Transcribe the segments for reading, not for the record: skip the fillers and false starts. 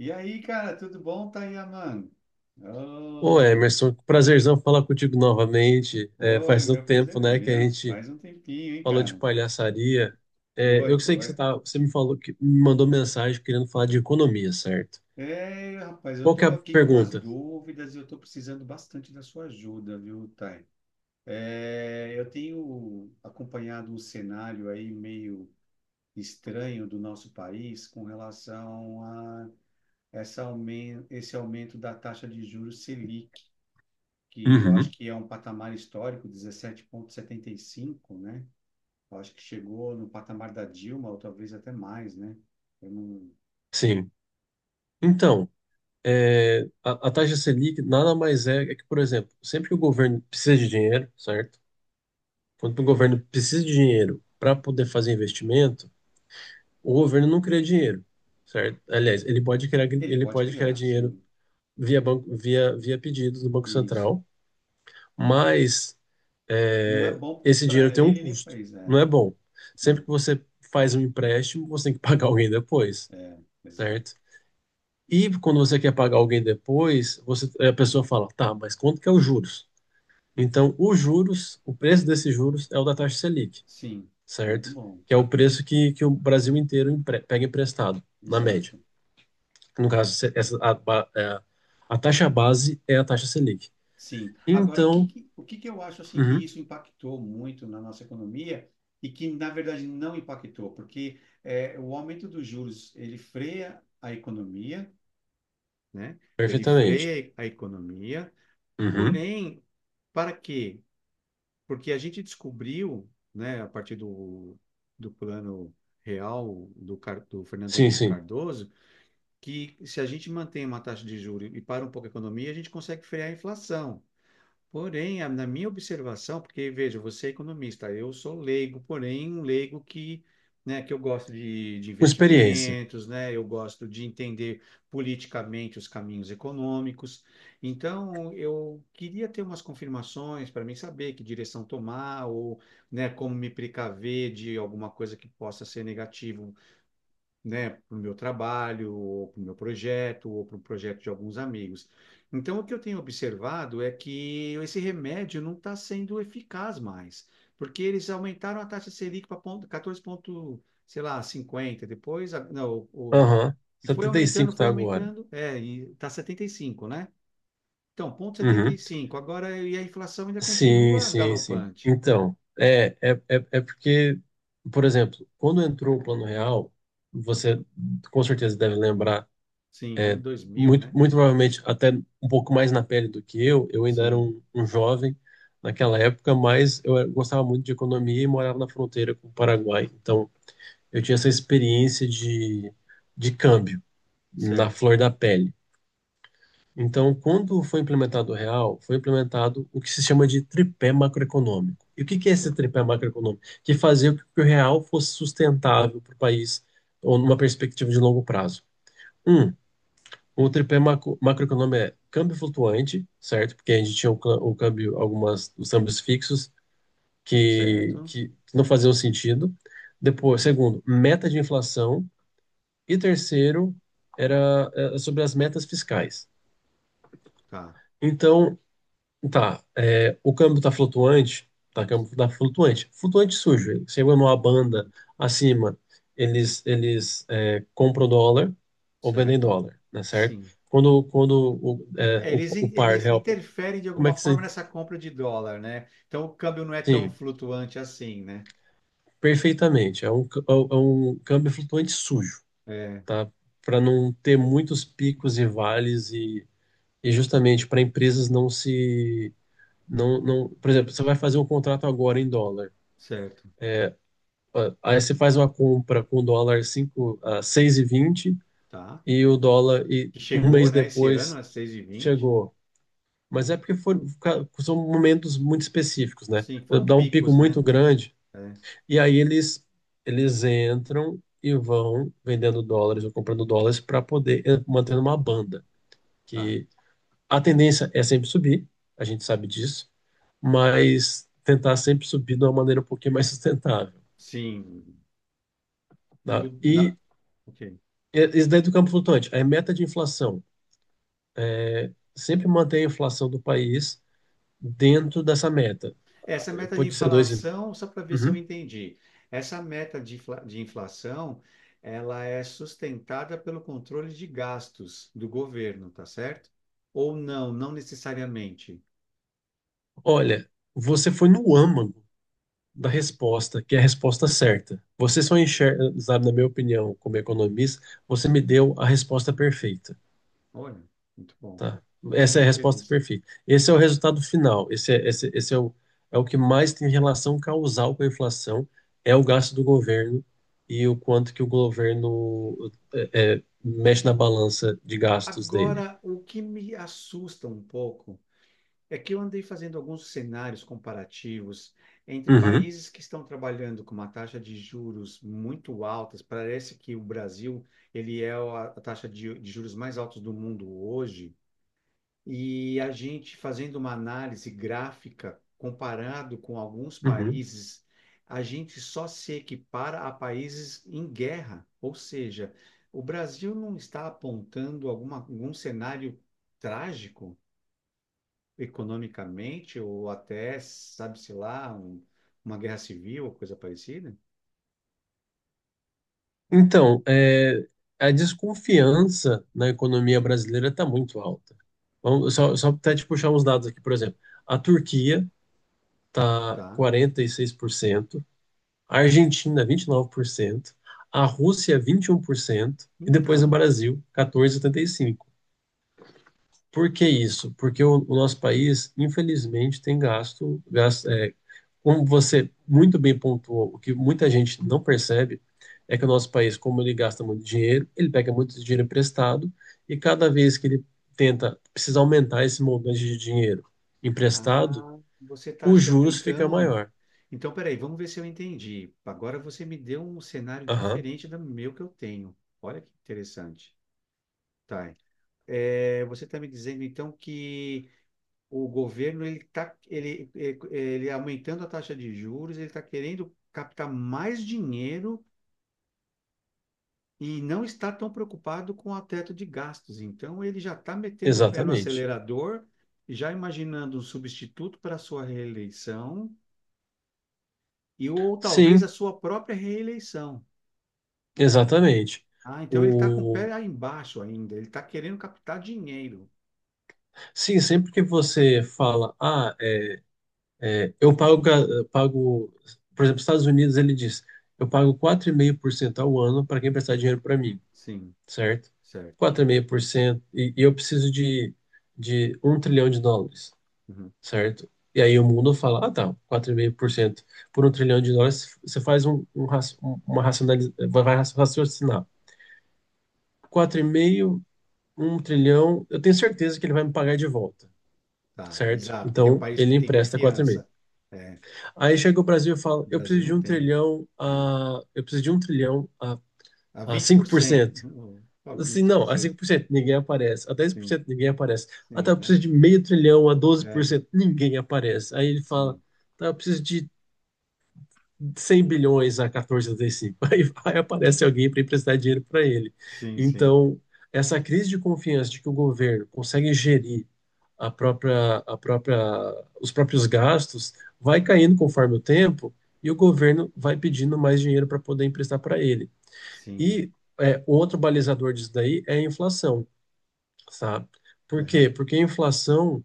E aí, cara, tudo bom, Tayaman? Ô Oh, Emerson, prazerzão falar contigo novamente. Foi, Faz tanto meu prazer tempo, é né, que a meu. gente Faz um tempinho, hein, falou de cara? palhaçaria. Foi, Eu sei que foi. Você me falou que me mandou mensagem querendo falar de economia, certo? Rapaz, eu Qual que é tô a aqui com umas pergunta? dúvidas e eu tô precisando bastante da sua ajuda, viu, Thay? Eu tenho acompanhado um cenário aí meio estranho do nosso país com relação a essa esse aumento da taxa de juros Selic, que eu acho Uhum. que é um patamar histórico, 17,75, né? Eu acho que chegou no patamar da Dilma, ou talvez até mais, né? Eu não- Sim. Então, a taxa Selic nada mais é que, por exemplo, sempre que o governo precisa de dinheiro, certo? Quando o governo precisa de dinheiro para poder fazer investimento, o governo não cria dinheiro, certo? Aliás, Ele ele pode pode criar criar, dinheiro sim. via, banco, via pedidos do Banco Isso. Central, mas Não é bom esse dinheiro para tem um ele nem para custo, eles, é. não é bom. Sempre Não. que você faz um empréstimo, você tem que pagar alguém depois, É, exato. certo? E quando você quer pagar alguém depois, a pessoa fala: tá, mas quanto que é os juros? Então, os juros, o preço desses juros é o da taxa Selic, Sim, muito certo? bom. Que é o preço que o Brasil inteiro pega emprestado, na média. Exato. No caso, a, a taxa base é a taxa Selic. Sim. Agora, Então, o que que eu acho assim que uhum, isso impactou muito na nossa economia e que, na verdade, não impactou, porque o aumento dos juros, ele freia a economia, né? Ele perfeitamente. freia a economia, Uhum, porém, para quê? Porque a gente descobriu, né, a partir do, do plano real do, do Fernando sim, Henrique sim. Cardoso, que se a gente mantém uma taxa de juros e para um pouco a economia, a gente consegue frear a inflação. Porém, na minha observação, porque veja, você é economista, eu sou leigo, porém um leigo que, né, que eu gosto de Com experiência. investimentos, né, eu gosto de entender politicamente os caminhos econômicos. Então, eu queria ter umas confirmações para mim saber que direção tomar ou, né, como me precaver de alguma coisa que possa ser negativa, né, para o meu trabalho, ou para o meu projeto, ou para o projeto de alguns amigos. Então, o que eu tenho observado é que esse remédio não está sendo eficaz mais, porque eles aumentaram a taxa Selic para 14 ponto, sei lá, 50, depois, a- não, o- Aham, e setenta e cinco foi tá agora. aumentando, é, e está 75, né? Então, ponto Uhum, 75. Agora, e a inflação ainda sim, continua sim, sim. galopante. Então, é porque, por exemplo, quando entrou o Plano Real, você com certeza deve lembrar, Sim, ano é, 2000, muito, né? muito provavelmente até um pouco mais na pele do que eu. Eu ainda era Sim, um jovem naquela época, mas gostava muito de economia e morava na fronteira com o Paraguai. Então, eu tinha essa experiência de câmbio na certo, flor da pele. Então, quando foi implementado o real, foi implementado o que se chama de tripé macroeconômico. E o que que é esse cer- tripé macroeconômico? Que fazia com que o real fosse sustentável para o país ou numa perspectiva de longo prazo. Um, o tripé macroeconômico é câmbio flutuante, certo? Porque a gente tinha o câmbio, os câmbios fixos que, certo, que não faziam sentido. Depois, segundo, meta de inflação. E terceiro, era, sobre as metas fiscais. tá, Então, tá, o câmbio tá flutuante. Flutuante sujo. Ele chegou numa banda acima, eles compram dólar ou vendem certo. dólar, né, certo? Sim. Quando o, é, É, o, eles, o par eles real, interferem de como é alguma que você, forma nessa compra de dólar, né? Então o câmbio não é tão sim, flutuante assim, né? perfeitamente. É um um câmbio flutuante sujo, É, tá? Para não ter muitos picos e vales e justamente para empresas não se, não, não, por exemplo, você vai fazer um contrato agora em dólar. certo. Ah, aí você faz uma compra com o dólar 5 a 6,20 e vinte Tá. e o dólar e Que um mês chegou, né, esse ano depois a 6,20. chegou. Mas é porque são momentos muito específicos, né? Sim, foram Dá um pico picos, muito né? grande É, e aí eles entram e vão vendendo dólares ou comprando dólares para poder manter uma banda, tá. que a tendência é sempre subir, a gente sabe disso, mas tentar sempre subir de uma maneira um pouquinho mais sustentável, Sim. E o, tá? na, ok. Isso daí do campo flutuante é meta de inflação. Sempre manter a inflação do país dentro dessa meta. Essa meta de Pode ser dois. Inflação, só para ver se eu Uhum. entendi. Essa meta de, de inflação, ela é sustentada pelo controle de gastos do governo, tá certo? Ou não, não necessariamente. Olha, você foi no âmago da resposta, que é a resposta certa. Você só enxerga, sabe, na minha opinião, como economista, você me deu a resposta perfeita. Olha, muito bom. Tá. Essa é a Fico resposta feliz. perfeita. Esse é o resultado final. Esse é, esse é o, é o que mais tem relação causal com a inflação, é o gasto do governo e o quanto que o governo mexe na balança de gastos dele. Agora, o que me assusta um pouco é que eu andei fazendo alguns cenários comparativos entre Uhum, países que estão trabalhando com uma taxa de juros muito altas. Parece que o Brasil, ele é a taxa de juros mais altos do mundo hoje. E a gente fazendo uma análise gráfica comparado com alguns uhum. países, a gente só se equipara a países em guerra, ou seja, o Brasil não está apontando alguma, algum cenário trágico economicamente ou até, sabe-se lá, uma guerra civil ou coisa parecida, Então, a desconfiança na economia brasileira está muito alta. Vamos, só até te puxar uns dados aqui, por exemplo. A Turquia está tá? 46%, a Argentina 29%, a Rússia 21% e depois o Então, Brasil 14,75%. Por cento. Por que isso? Porque o nosso país, infelizmente, tem gasto, gasto como você muito bem pontuou, o que muita gente não percebe é que o nosso país, como ele gasta muito dinheiro, ele pega muito dinheiro emprestado e cada vez que ele tenta precisa aumentar esse montante de dinheiro emprestado, ah, você está os achando juros fica então. maior. Então, peraí, vamos ver se eu entendi. Agora você me deu um cenário Aham, diferente do meu que eu tenho. Olha que interessante. Tá. É, você está me dizendo então que o governo ele tá ele, ele, ele aumentando a taxa de juros, ele está querendo captar mais dinheiro e não está tão preocupado com o teto de gastos. Então, ele já está metendo o pé no exatamente. acelerador, já imaginando um substituto para a sua reeleição e ou talvez a Sim, sua própria reeleição. exatamente. Ah, então ele está com o pé O... aí embaixo ainda, ele está querendo captar dinheiro. Sim, sempre que você fala: ah, eu pago, pago, por exemplo, Estados Unidos, ele diz: eu pago 4,5% ao ano para quem prestar dinheiro para mim, Sim, certo? certo. 4,5%, e eu preciso de um trilhão de dólares, Uhum. certo? E aí o mundo fala: ah, tá, 4,5% por um trilhão de dólares, você faz uma racionalização, vai raciocinar. 4,5, um trilhão, eu tenho certeza que ele vai me pagar de volta. Tá, Certo? exato, porque é um Então país ele que tem empresta confiança. 4,5. É, Aí chega o Brasil e fala: o eu Brasil preciso de não tem. É. Um trilhão a, A a cinco por 20%. cento A Assim, não, A 20%. 5% ninguém aparece, a dez por Sim, cento ninguém aparece. Ah, tá, sim, eu né? preciso de meio trilhão a doze por É, cento ninguém aparece. Aí ele fala: sim, tá, eu preciso de 100 bilhões a 14,35. Aí vai, aparece alguém para emprestar dinheiro para ele. sim, sim, Então, essa crise de confiança de que o governo consegue gerir a própria, a própria, os próprios gastos vai caindo conforme o tempo e o governo vai pedindo mais dinheiro para poder emprestar para ele. sim. E um outro balizador disso daí é a inflação, sabe? Por quê? Aham. Porque a inflação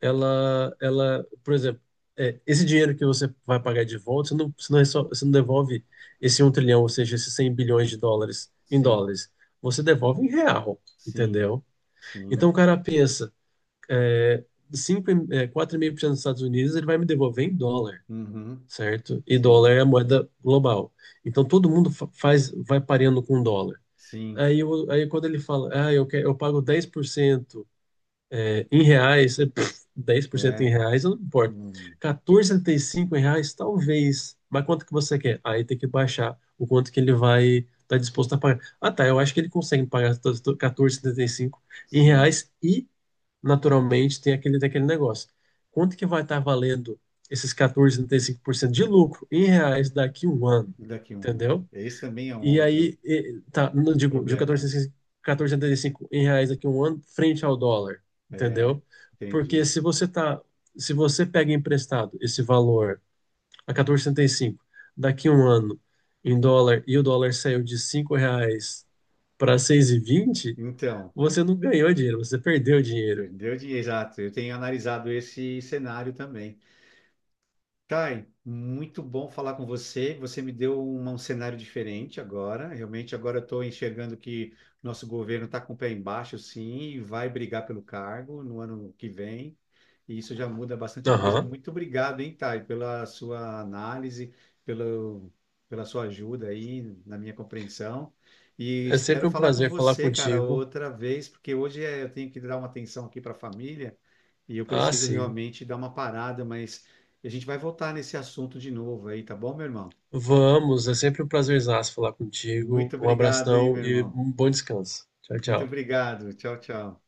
por exemplo, esse dinheiro que você vai pagar de volta, você não devolve esse um trilhão, ou seja, esses 100 bilhões de dólares em Sim, dólares. Você devolve em real, sim, entendeu? Então sim. o cara pensa: 4,5% dos Estados Unidos, ele vai me devolver em dólar, Uhum. certo? E dólar Sim, é a moeda global. Então todo mundo faz, vai pareando com dólar. sim. Aí, aí quando ele fala: ah, eu pago 10% em reais, 10% em É. reais, eu não me importo. Uhum. 14,75 em reais, talvez. Mas quanto que você quer? Aí tem que baixar o quanto que ele vai estar disposto a pagar. Ah, tá, eu acho que ele consegue pagar 14,75 em Sim. reais e, naturalmente, tem aquele negócio. Quanto que vai estar valendo esses 14,75% de lucro em reais daqui a um ano? Daqui a um ano? Entendeu? Esse também é um E outro aí, tá, não digo, de problema, né? 14,65 14,75 em reais daqui a um ano, frente ao dólar, É, entendeu? Porque entendi. se se você pega emprestado esse valor a 14,75 daqui a um ano em dólar e o dólar saiu de 5 reais para 6,20, Então, você não ganhou dinheiro, você perdeu dinheiro. perdeu dinheiro. Exato, eu tenho analisado esse cenário também. Thay, muito bom falar com você. Você me deu um cenário diferente agora. Realmente, agora eu estou enxergando que nosso governo está com o pé embaixo, sim, e vai brigar pelo cargo no ano que vem. E isso já muda bastante coisa. Aham. Muito obrigado, hein, Thay, pela sua análise, pelo, pela sua ajuda aí na minha compreensão. E É espero sempre um falar com prazer falar você, cara, contigo. outra vez, porque hoje eu tenho que dar uma atenção aqui para a família e eu Ah, preciso sim. realmente dar uma parada, mas a gente vai voltar nesse assunto de novo aí, tá bom, meu irmão? Vamos, é sempre um prazerzaço falar contigo. Muito Um obrigado, hein, abração meu e irmão? um bom descanso. Tchau, Muito tchau. obrigado. Tchau, tchau.